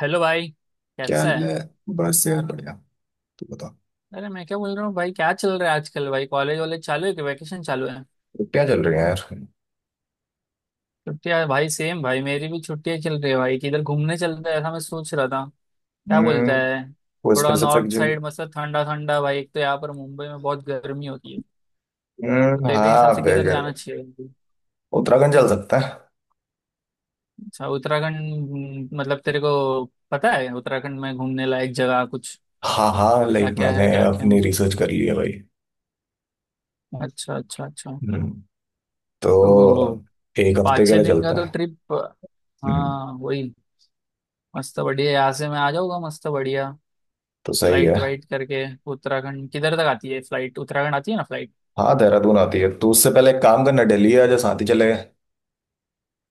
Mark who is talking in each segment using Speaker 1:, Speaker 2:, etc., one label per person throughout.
Speaker 1: Hello भाई।
Speaker 2: क्या
Speaker 1: कैसा
Speaker 2: हाल
Speaker 1: है?
Speaker 2: है? बस यार बढ़िया। तू बता।
Speaker 1: अरे, मैं क्या बोल रहा हूँ भाई, क्या चल रहा है आजकल? भाई कॉलेज वॉलेज चालू है कि वैकेशन चालू है?
Speaker 2: क्या चल रही है यार?
Speaker 1: छुट्टियां भाई? सेम भाई, मेरी भी छुट्टियां चल रही है। भाई किधर घूमने चलते हैं, ऐसा मैं सोच रहा था। क्या
Speaker 2: हम्म।
Speaker 1: बोलता है?
Speaker 2: कोई
Speaker 1: थोड़ा
Speaker 2: स्पेसिफिक
Speaker 1: नॉर्थ
Speaker 2: जो।
Speaker 1: साइड, मतलब ठंडा ठंडा भाई। एक तो यहाँ पर मुंबई में बहुत गर्मी होती है। तो
Speaker 2: हम्म,
Speaker 1: तेरे
Speaker 2: हाँ
Speaker 1: हिसाब से किधर
Speaker 2: बेगर।
Speaker 1: जाना चाहिए?
Speaker 2: उत्तराखंड चल सकता है।
Speaker 1: अच्छा उत्तराखंड। मतलब तेरे को पता है उत्तराखंड में घूमने लायक जगह कुछ?
Speaker 2: हाँ हाँ,
Speaker 1: क्या
Speaker 2: लाइक
Speaker 1: क्या
Speaker 2: मैंने
Speaker 1: है? क्या क्या है?
Speaker 2: अपनी रिसर्च कर ली है भाई।
Speaker 1: अच्छा अच्छा अच्छा।
Speaker 2: हम्म।
Speaker 1: तो
Speaker 2: तो एक हफ्ते
Speaker 1: पाँच
Speaker 2: के
Speaker 1: छः
Speaker 2: लिए
Speaker 1: दिन का
Speaker 2: चलता
Speaker 1: तो
Speaker 2: है।
Speaker 1: ट्रिप।
Speaker 2: हम्म।
Speaker 1: हाँ वही। मस्त बढ़िया, यहाँ से मैं आ जाऊंगा। मस्त बढ़िया।
Speaker 2: तो सही है।
Speaker 1: फ्लाइट वाइट करके उत्तराखंड किधर तक आती है फ्लाइट? उत्तराखंड आती है ना फ्लाइट?
Speaker 2: हाँ, देहरादून आती है, तो उससे पहले एक काम करना, दिल्ली आ जा, साथ ही चले।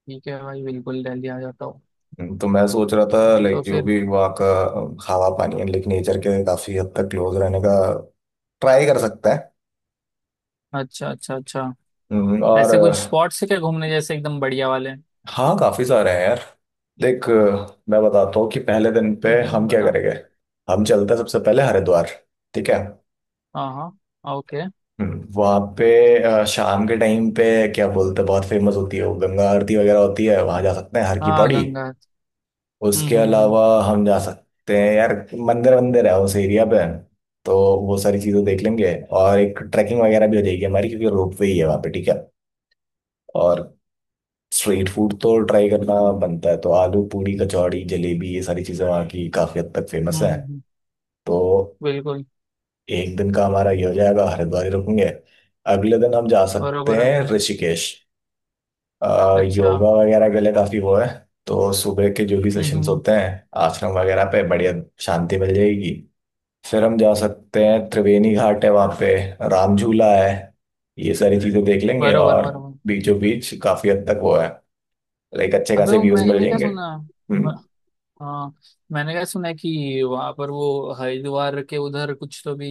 Speaker 1: ठीक है भाई, बिल्कुल दिल्ली आ जाता हूँ।
Speaker 2: तो मैं सोच रहा था,
Speaker 1: तो
Speaker 2: लाइक जो
Speaker 1: फिर?
Speaker 2: भी वहाँ का हवा पानी है, लाइक नेचर के काफी हद तक क्लोज रहने का ट्राई कर सकता है।
Speaker 1: अच्छा अच्छा अच्छा।
Speaker 2: और
Speaker 1: ऐसे कुछ स्पॉट्स है क्या घूमने जैसे एकदम बढ़िया वाले?
Speaker 2: हाँ, काफी सारे हैं यार। देख मैं बताता हूँ कि पहले दिन पे हम क्या
Speaker 1: बता।
Speaker 2: करेंगे। हम चलते हैं सबसे पहले हरिद्वार। ठीक है।
Speaker 1: हाँ हाँ ओके।
Speaker 2: वहां पे शाम के टाइम पे क्या बोलते हैं, बहुत फेमस होती है, वो गंगा आरती वगैरह होती है, वहां जा सकते हैं, हर की
Speaker 1: हाँ
Speaker 2: पौड़ी।
Speaker 1: गंगा।
Speaker 2: उसके
Speaker 1: हम्म।
Speaker 2: अलावा हम जा सकते हैं यार, मंदिर मंदिर है उस एरिया पे। तो वो सारी चीजें देख लेंगे, और एक ट्रैकिंग वगैरह भी हो जाएगी हमारी, क्योंकि रोप वे ही है वहाँ पे। ठीक है। और स्ट्रीट फूड तो ट्राई करना बनता है, तो आलू पूरी कचौड़ी जलेबी, ये सारी चीज़ें वहाँ की काफ़ी हद तक
Speaker 1: हम्म
Speaker 2: फेमस
Speaker 1: हम्म,
Speaker 2: है।
Speaker 1: हम्म,
Speaker 2: तो
Speaker 1: बिल्कुल।
Speaker 2: एक दिन का हमारा ये हो जाएगा, हरिद्वार ही रुकेंगे। अगले दिन हम जा सकते
Speaker 1: बरोबर है।
Speaker 2: हैं ऋषिकेश,
Speaker 1: अच्छा।
Speaker 2: योगा वगैरह के लिए काफ़ी वो है। तो सुबह के जो भी सेशंस
Speaker 1: हम्म।
Speaker 2: होते हैं आश्रम वगैरह पे, बढ़िया शांति मिल जाएगी। फिर हम जा सकते हैं, त्रिवेणी घाट है वहाँ पे, राम झूला है, ये सारी चीज़ें देख लेंगे।
Speaker 1: बरोबर
Speaker 2: और
Speaker 1: बरोबर।
Speaker 2: बीचों बीच काफ़ी हद तक वो है, लाइक अच्छे
Speaker 1: अबे
Speaker 2: खासे
Speaker 1: वो
Speaker 2: व्यूज मिल
Speaker 1: मैंने क्या
Speaker 2: जाएंगे।
Speaker 1: सुना?
Speaker 2: हम्म।
Speaker 1: हाँ। मैंने क्या सुना है कि वहां पर वो हरिद्वार के उधर कुछ तो भी,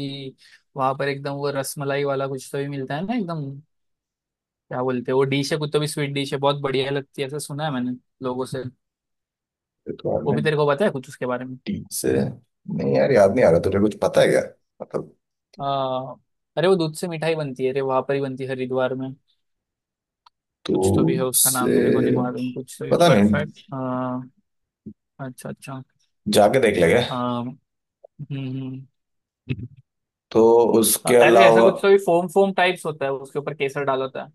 Speaker 1: वहां पर एकदम वो रसमलाई वाला कुछ तो भी मिलता है ना एकदम? क्या बोलते हैं, वो डिश है कुछ तो भी, स्वीट डिश है, बहुत बढ़िया लगती है, ऐसा सुना है मैंने लोगों से। वो भी
Speaker 2: रिक्वायरमेंट
Speaker 1: तेरे को पता है कुछ उसके बारे में?
Speaker 2: टीम से नहीं यार, याद नहीं आ रहा। तुझे कुछ पता है क्या? मतलब।
Speaker 1: आ, अरे वो दूध से मिठाई बनती है, अरे वहां पर ही बनती है हरिद्वार में।
Speaker 2: तू
Speaker 1: कुछ तो भी है, उसका नाम
Speaker 2: से
Speaker 1: मेरे को नहीं मालूम, कुछ तो भी
Speaker 2: पता नहीं,
Speaker 1: परफेक्ट। अच्छा अच्छा।
Speaker 2: जाके देख लेंगे।
Speaker 1: आ, हम्म हम्म।
Speaker 2: तो उसके
Speaker 1: अरे ऐसा
Speaker 2: अलावा
Speaker 1: कुछ तो भी फोम फोम टाइप्स होता है, उसके ऊपर केसर डाला होता है।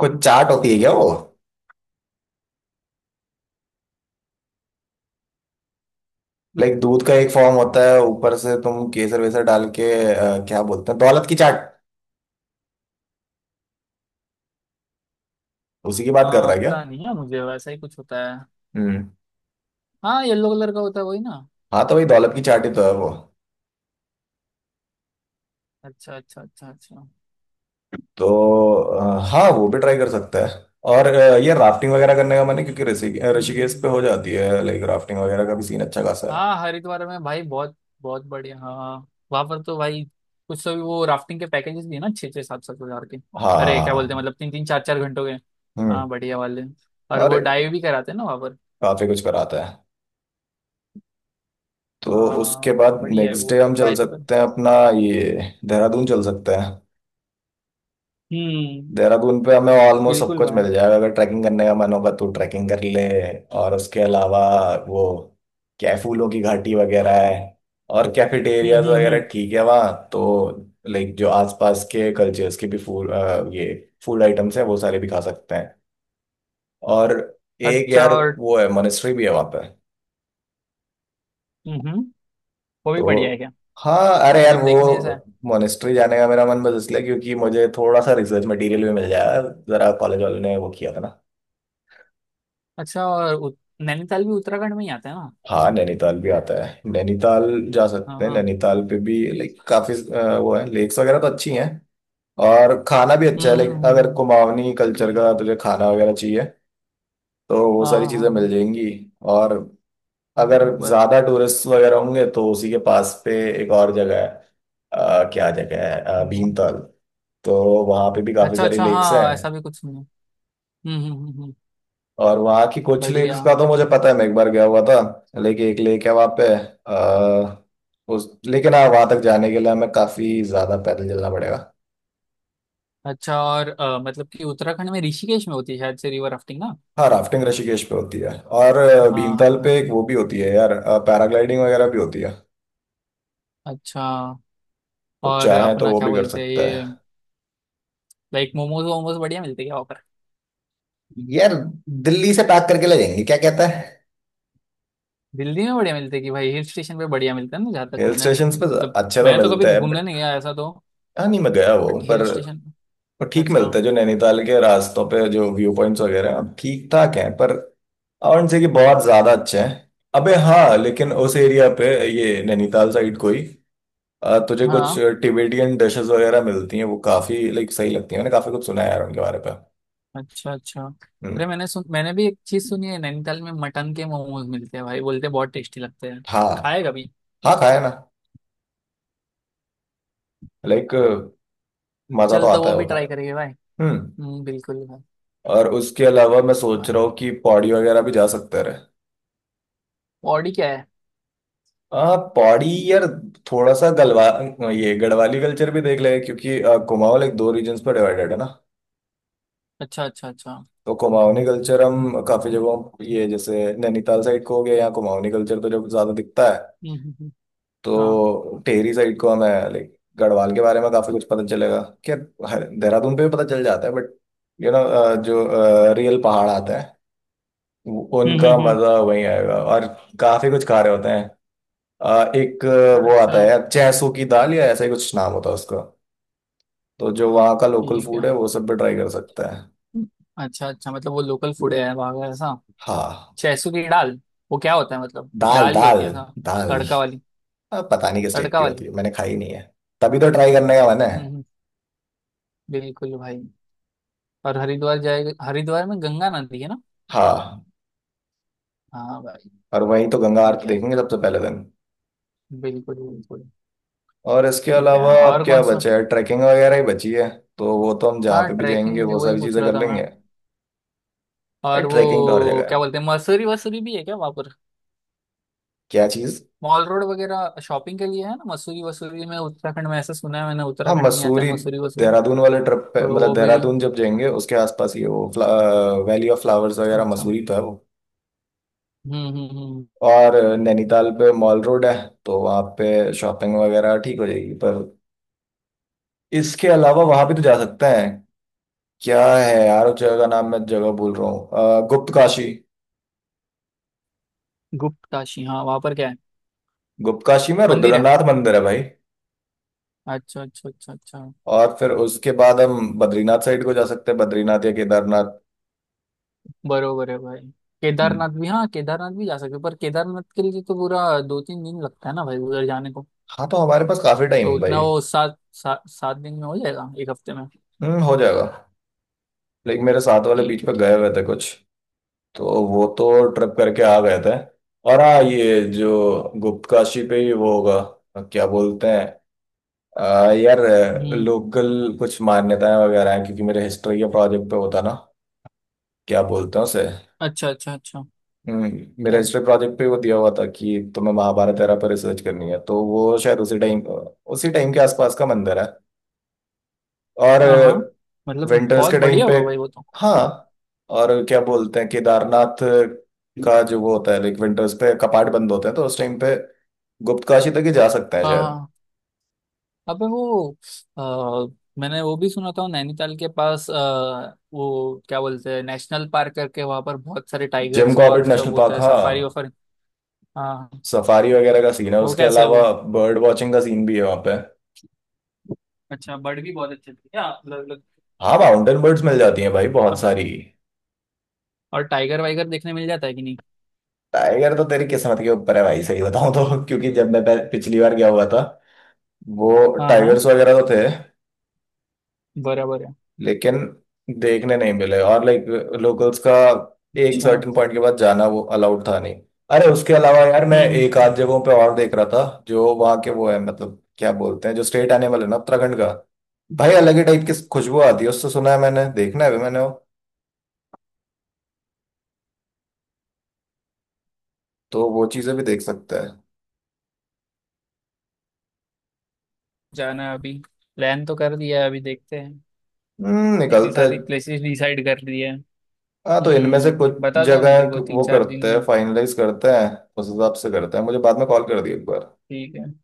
Speaker 2: कुछ चाट होती है क्या वो? लाइक दूध का एक फॉर्म होता है, ऊपर से तुम केसर वेसर डाल के क्या बोलते हैं, दौलत की चाट। उसी की बात कर
Speaker 1: हाँ
Speaker 2: रहा है क्या?
Speaker 1: पता नहीं है मुझे, वैसा ही कुछ होता है।
Speaker 2: हम्म।
Speaker 1: हाँ, येलो कलर का होता है वही ना?
Speaker 2: हाँ, तो भाई दौलत की चाट ही तो है वो।
Speaker 1: अच्छा अच्छा अच्छा अच्छा।
Speaker 2: तो हाँ,
Speaker 1: ठीक है
Speaker 2: वो भी
Speaker 1: ठीक है।
Speaker 2: ट्राई कर सकता है। और ये राफ्टिंग वगैरह करने का मन है, क्योंकि
Speaker 1: हम्म।
Speaker 2: ऋषिकेश पे हो
Speaker 1: हम्म।
Speaker 2: जाती है, लाइक राफ्टिंग वगैरह का भी सीन अच्छा खासा है।
Speaker 1: हाँ हरिद्वार में भाई बहुत बहुत बढ़िया हाँ। वहां पर तो भाई कुछ तो भी वो राफ्टिंग के पैकेजेस भी है ना, छः छः सात सात हजार के। अरे क्या बोलते हैं,
Speaker 2: हाँ।
Speaker 1: मतलब तीन तीन चार चार घंटों के। हाँ
Speaker 2: हम्म।
Speaker 1: बढ़िया वाले। और
Speaker 2: और
Speaker 1: वो डाइव भी कराते हैं ना वहां पर?
Speaker 2: काफी कुछ कराता है। तो उसके
Speaker 1: हाँ
Speaker 2: बाद
Speaker 1: बढ़िया है,
Speaker 2: नेक्स्ट
Speaker 1: वो
Speaker 2: डे हम चल
Speaker 1: ट्राई तो कर।
Speaker 2: सकते हैं अपना, ये देहरादून चल सकते हैं।
Speaker 1: हम्म
Speaker 2: देहरादून पे हमें ऑलमोस्ट सब
Speaker 1: बिल्कुल
Speaker 2: कुछ
Speaker 1: भाई।
Speaker 2: मिल जाएगा, अगर ट्रैकिंग करने का मन होगा तो ट्रैकिंग कर ले। और उसके अलावा वो क्या है, फूलों की घाटी वगैरह है। और कैफेटेरियाज वगैरह
Speaker 1: हम्म।
Speaker 2: ठीक है वहाँ, तो लाइक जो आसपास के कल्चर्स के भी फूड, ये फूड आइटम्स हैं, वो सारे भी खा सकते हैं। और एक
Speaker 1: अच्छा
Speaker 2: यार
Speaker 1: और?
Speaker 2: वो है, मोनेस्ट्री भी है वहाँ पे।
Speaker 1: हम्म हम्म, वो भी
Speaker 2: तो
Speaker 1: बढ़िया है क्या?
Speaker 2: हाँ, अरे यार
Speaker 1: मतलब
Speaker 2: वो
Speaker 1: देखने जैसा है?
Speaker 2: मोनेस्ट्री जाने का मेरा मन बस इसलिए, क्योंकि मुझे थोड़ा सा रिसर्च मटेरियल भी मिल जाएगा, जरा कॉलेज वालों ने वो किया था ना।
Speaker 1: अच्छा और नैनीताल भी उत्तराखंड में ही आता है ना?
Speaker 2: हाँ, नैनीताल भी आता है। नैनीताल जा
Speaker 1: हाँ
Speaker 2: सकते हैं
Speaker 1: हाँ।
Speaker 2: नैनीताल पे भी, लाइक काफी वो है, लेक्स वगैरह तो अच्छी हैं। और खाना भी अच्छा है, लाइक
Speaker 1: हम्म
Speaker 2: अगर
Speaker 1: हम्म।
Speaker 2: कुमाऊनी कल्चर का तुझे खाना वगैरह चाहिए, तो वो
Speaker 1: हाँ
Speaker 2: सारी
Speaker 1: हाँ
Speaker 2: चीजें
Speaker 1: हाँ
Speaker 2: मिल
Speaker 1: हाँ।
Speaker 2: जाएंगी। और अगर
Speaker 1: बराबर।
Speaker 2: ज्यादा टूरिस्ट वगैरह होंगे, तो उसी के पास पे एक और जगह है, क्या जगह है,
Speaker 1: हाँ हाँ।
Speaker 2: भीमताल। तो वहाँ पे भी काफी
Speaker 1: अच्छा
Speaker 2: सारी
Speaker 1: अच्छा,
Speaker 2: लेक्स हैं।
Speaker 1: हाँ ऐसा भी कुछ नहीं है। हम्म।
Speaker 2: और वहाँ की कुछ लेक्स
Speaker 1: बढ़िया।
Speaker 2: का तो मुझे पता है, मैं एक बार गया हुआ था। लेकिन एक लेक है वहाँ पे, आ, उस लेकिन हाँ, वहाँ तक जाने के लिए हमें काफी ज्यादा पैदल चलना पड़ेगा।
Speaker 1: अच्छा और मतलब कि उत्तराखंड में ऋषिकेश में होती है शायद से रिवर राफ्टिंग ना?
Speaker 2: हाँ, राफ्टिंग ऋषिकेश पे होती है। और
Speaker 1: हाँ हाँ
Speaker 2: भीमताल पे
Speaker 1: हाँ।
Speaker 2: एक वो भी होती है यार, पैराग्लाइडिंग वगैरह भी होती है।
Speaker 1: अच्छा।
Speaker 2: तो
Speaker 1: और
Speaker 2: चाहे तो
Speaker 1: अपना
Speaker 2: वो
Speaker 1: क्या
Speaker 2: भी कर
Speaker 1: बोलते हैं
Speaker 2: सकते हैं।
Speaker 1: ये, लाइक मोमोज वोमोज बढ़िया मिलते हैं क्या वहाँ पर?
Speaker 2: यार दिल्ली से पैक करके ले जाएंगे, क्या कहता है?
Speaker 1: दिल्ली में बढ़िया मिलते हैं कि भाई हिल स्टेशन पे बढ़िया मिलता है ना, जहाँ तक
Speaker 2: हिल
Speaker 1: मैंने
Speaker 2: स्टेशन पे
Speaker 1: मतलब
Speaker 2: अच्छे तो
Speaker 1: मैं तो कभी
Speaker 2: मिलते हैं
Speaker 1: घूमने नहीं
Speaker 2: बट।
Speaker 1: गया ऐसा तो,
Speaker 2: हाँ नहीं, मैं गया वो
Speaker 1: बट
Speaker 2: पर
Speaker 1: हिल स्टेशन।
Speaker 2: पर ठीक
Speaker 1: अच्छा।
Speaker 2: मिलते हैं, जो नैनीताल के रास्तों पे जो व्यू पॉइंट्स वगैरह हैं ठीक ठाक हैं पर, और उनसे कि बहुत ज्यादा अच्छे हैं। अबे हाँ, लेकिन उस एरिया पे ये नैनीताल साइड कोई तुझे कुछ
Speaker 1: हाँ।
Speaker 2: टिबेटियन डिशेस वगैरह मिलती हैं, वो काफी लाइक सही लगती है, मैंने काफी कुछ सुना है यार उनके बारे पे।
Speaker 1: अच्छा अच्छा।
Speaker 2: हम्म।
Speaker 1: अरे मैंने सुन मैंने भी एक चीज सुनी है, नैनीताल में मटन के मोमोज मिलते हैं भाई, बोलते हैं बहुत टेस्टी लगते हैं।
Speaker 2: हाँ,
Speaker 1: खाए कभी?
Speaker 2: हाँ खाया ना, लाइक मजा तो
Speaker 1: चल, तो
Speaker 2: आता
Speaker 1: वो
Speaker 2: है वो
Speaker 1: भी ट्राई
Speaker 2: खाने
Speaker 1: करेंगे
Speaker 2: में।
Speaker 1: भाई।
Speaker 2: हम्म।
Speaker 1: बिल्कुल भाई।
Speaker 2: और उसके अलावा मैं
Speaker 1: मस्त
Speaker 2: सोच
Speaker 1: भाई।
Speaker 2: रहा हूँ कि पौड़ी वगैरह भी जा सकते रहे।
Speaker 1: बॉडी क्या है?
Speaker 2: पौड़ी यार, थोड़ा सा गलवा, ये गढ़वाली कल्चर भी देख लेंगे, क्योंकि कुमाऊँ लाइक दो रीजन्स पर डिवाइडेड है ना।
Speaker 1: अच्छा अच्छा अच्छा।
Speaker 2: तो कुमाऊनी कल्चर हम काफी जगहों ये जैसे नैनीताल साइड को हो गया, यहाँ कुमाऊनी कल्चर तो जब ज्यादा दिखता है।
Speaker 1: हम्म। हाँ।
Speaker 2: तो टेहरी साइड को हमें लाइक गढ़वाल के बारे में काफी कुछ पता चलेगा। क्या देहरादून पे भी पता चल जाता है बट यू नो जो रियल पहाड़ आते हैं
Speaker 1: हम्म
Speaker 2: उनका
Speaker 1: हम्म
Speaker 2: मजा वहीं आएगा। और काफी कुछ खा रहे होते हैं। एक
Speaker 1: हम्म।
Speaker 2: वो आता
Speaker 1: अच्छा।
Speaker 2: है चैसू की दाल, या ऐसा ही कुछ नाम होता है उसका। तो जो वहाँ का लोकल
Speaker 1: ठीक
Speaker 2: फूड
Speaker 1: है।
Speaker 2: है, वो सब भी ट्राई कर सकता है।
Speaker 1: हम्म। अच्छा अच्छा, मतलब वो लोकल फूड है वहाँ का ऐसा?
Speaker 2: हाँ।
Speaker 1: छैसू की दाल वो क्या होता है, मतलब
Speaker 2: दाल
Speaker 1: दाल ही
Speaker 2: दाल
Speaker 1: होती है ऐसा?
Speaker 2: दाल।
Speaker 1: तड़का वाली?
Speaker 2: अब पता नहीं किस टाइप
Speaker 1: तड़का
Speaker 2: की
Speaker 1: वाली?
Speaker 2: होती है, मैंने खाई नहीं है, तभी तो ट्राई करने का मन है।
Speaker 1: हम्म। बिल्कुल भाई। और हरिद्वार जाएगा, हरिद्वार में गंगा नदी है ना?
Speaker 2: हाँ।
Speaker 1: हाँ भाई।
Speaker 2: और वहीं तो गंगा
Speaker 1: ठीक
Speaker 2: आरती
Speaker 1: है,
Speaker 2: देखेंगे सबसे पहले दिन।
Speaker 1: बिल्कुल बिल्कुल।
Speaker 2: और इसके
Speaker 1: ठीक है,
Speaker 2: अलावा अब
Speaker 1: और
Speaker 2: क्या
Speaker 1: कौन सा?
Speaker 2: बचा है, ट्रैकिंग वगैरह ही बची है। तो वो तो हम जहाँ
Speaker 1: हाँ
Speaker 2: पे भी जाएंगे
Speaker 1: ट्रैकिंग भी
Speaker 2: वो
Speaker 1: वही
Speaker 2: सारी
Speaker 1: पूछ
Speaker 2: चीजें
Speaker 1: रहा
Speaker 2: कर
Speaker 1: था
Speaker 2: लेंगे।
Speaker 1: मैं। और
Speaker 2: ट्रैकिंग तो हर
Speaker 1: वो
Speaker 2: जगह
Speaker 1: क्या
Speaker 2: है।
Speaker 1: बोलते हैं, मसूरी वसूरी भी है क्या वहां पर?
Speaker 2: क्या चीज?
Speaker 1: मॉल रोड वगैरह शॉपिंग के लिए है ना मसूरी वसूरी में उत्तराखंड में, ऐसा सुना है मैंने,
Speaker 2: हाँ,
Speaker 1: उत्तराखंड में ही आता है
Speaker 2: मसूरी,
Speaker 1: मसूरी वसूरी।
Speaker 2: देहरादून वाले ट्रिप पे,
Speaker 1: तो
Speaker 2: मतलब
Speaker 1: वो भी।
Speaker 2: देहरादून जब जाएंगे उसके आसपास ही है वो, वैली ऑफ फ्लावर्स वगैरह,
Speaker 1: अच्छा।
Speaker 2: मसूरी तो है वो।
Speaker 1: हम्म।
Speaker 2: और नैनीताल पे मॉल रोड है, तो वहाँ पे शॉपिंग वगैरह ठीक हो जाएगी, पर इसके अलावा वहां भी तो जा सकते हैं। क्या है यार उस जगह का नाम, मैं जगह भूल रहा हूँ, गुप्त काशी।
Speaker 1: गुप्त काशी हाँ, वहां पर क्या है?
Speaker 2: गुप्त काशी में
Speaker 1: मंदिर है?
Speaker 2: रुद्रनाथ मंदिर है भाई।
Speaker 1: अच्छा अच्छा अच्छा अच्छा।
Speaker 2: और फिर उसके बाद हम बद्रीनाथ साइड को जा सकते हैं, बद्रीनाथ या केदारनाथ।
Speaker 1: बरोबर है भाई।
Speaker 2: हम्म।
Speaker 1: केदारनाथ भी, हाँ केदारनाथ भी जा सकते हो, पर केदारनाथ के लिए तो पूरा 2-3 दिन लगता है ना भाई उधर जाने को।
Speaker 2: हाँ, तो हमारे पास काफी टाइम
Speaker 1: तो
Speaker 2: है भाई।
Speaker 1: उतना वो सात सात सात दिन में हो जाएगा, एक हफ्ते में।
Speaker 2: हम्म, हो जाएगा। लेकिन मेरे साथ वाले बीच
Speaker 1: ठीक है।
Speaker 2: पे गए हुए थे कुछ, तो वो तो ट्रिप करके आ गए थे। और हाँ, ये जो गुप्त काशी पे ही वो होगा, क्या बोलते हैं यार,
Speaker 1: हम्म।
Speaker 2: लोकल कुछ मान्यताएं वगैरह हैं, क्योंकि मेरे हिस्ट्री के प्रोजेक्ट पे होता ना। क्या बोलते हैं उसे।
Speaker 1: अच्छा अच्छा अच्छा।
Speaker 2: हम्म,
Speaker 1: क्या
Speaker 2: मेरा
Speaker 1: है?
Speaker 2: हिस्ट्री प्रोजेक्ट पे वो दिया हुआ था, कि तुम्हें महाभारत एरा पर रिसर्च करनी है, तो वो शायद उसी टाइम, उसी टाइम के आसपास का मंदिर है। और
Speaker 1: हाँ हाँ मतलब
Speaker 2: विंटर्स
Speaker 1: बहुत
Speaker 2: के टाइम
Speaker 1: बढ़िया
Speaker 2: पे।
Speaker 1: होगा भाई वो तो।
Speaker 2: हाँ, और क्या बोलते हैं, केदारनाथ का जो वो होता है, लाइक विंटर्स पे कपाट बंद होते हैं, तो उस टाइम पे गुप्त काशी तक ही जा सकते हैं
Speaker 1: हाँ
Speaker 2: शायद।
Speaker 1: हाँ। अबे वो मैंने वो भी सुना था नैनीताल के पास, वो क्या बोलते हैं नेशनल पार्क करके, वहां पर बहुत सारे
Speaker 2: जिम
Speaker 1: टाइगर्स और
Speaker 2: कॉर्बेट नेशनल
Speaker 1: सब होता
Speaker 2: पार्क,
Speaker 1: है,
Speaker 2: हाँ।
Speaker 1: सफारी वफारी। हाँ हाँ।
Speaker 2: सफारी वगैरह का सीन है,
Speaker 1: वो
Speaker 2: उसके
Speaker 1: कैसा है
Speaker 2: अलावा
Speaker 1: वो?
Speaker 2: बर्ड वॉचिंग का सीन भी है वहाँ पे।
Speaker 1: अच्छा, बर्ड भी बहुत अच्छे थे क्या, अलग अलग?
Speaker 2: हाँ, माउंटेन बर्ड्स मिल जाती हैं भाई बहुत सारी।
Speaker 1: और टाइगर वाइगर देखने मिल जाता है कि नहीं?
Speaker 2: टाइगर तो तेरी किस्मत के ऊपर है भाई, सही बताऊं तो क्योंकि जब मैं पिछली बार गया हुआ था, वो
Speaker 1: हाँ हाँ।
Speaker 2: टाइगर्स वगैरह तो थे,
Speaker 1: बराबर है।
Speaker 2: लेकिन देखने नहीं मिले। और लाइक लोकल्स का एक
Speaker 1: अच्छा।
Speaker 2: सर्टेन पॉइंट के बाद जाना वो अलाउड था नहीं। अरे उसके अलावा यार मैं एक
Speaker 1: हम्म।
Speaker 2: आध जगहों पे और देख रहा था, जो वहाँ के वो है, मतलब क्या बोलते हैं, जो स्टेट एनिमल है ना उत्तराखंड का। भाई अलग ही टाइप की खुशबू आती है उससे, सुना है मैंने, देखना है भी मैंने वो। तो वो चीजें भी देख सकता है।
Speaker 1: जाना है अभी। प्लान तो कर दिया है, अभी देखते हैं। इतनी
Speaker 2: निकलता है।
Speaker 1: सारी प्लेसेस डिसाइड कर ली है।
Speaker 2: हाँ, तो इनमें से
Speaker 1: हम्म,
Speaker 2: कुछ
Speaker 1: बता दो, मैं
Speaker 2: जगह
Speaker 1: तेरे को तीन
Speaker 2: वो
Speaker 1: चार दिन
Speaker 2: करते हैं,
Speaker 1: में।
Speaker 2: फाइनलाइज करते हैं, उस हिसाब से करते हैं, मुझे बाद में कॉल कर दिए एक बार।
Speaker 1: ठीक है।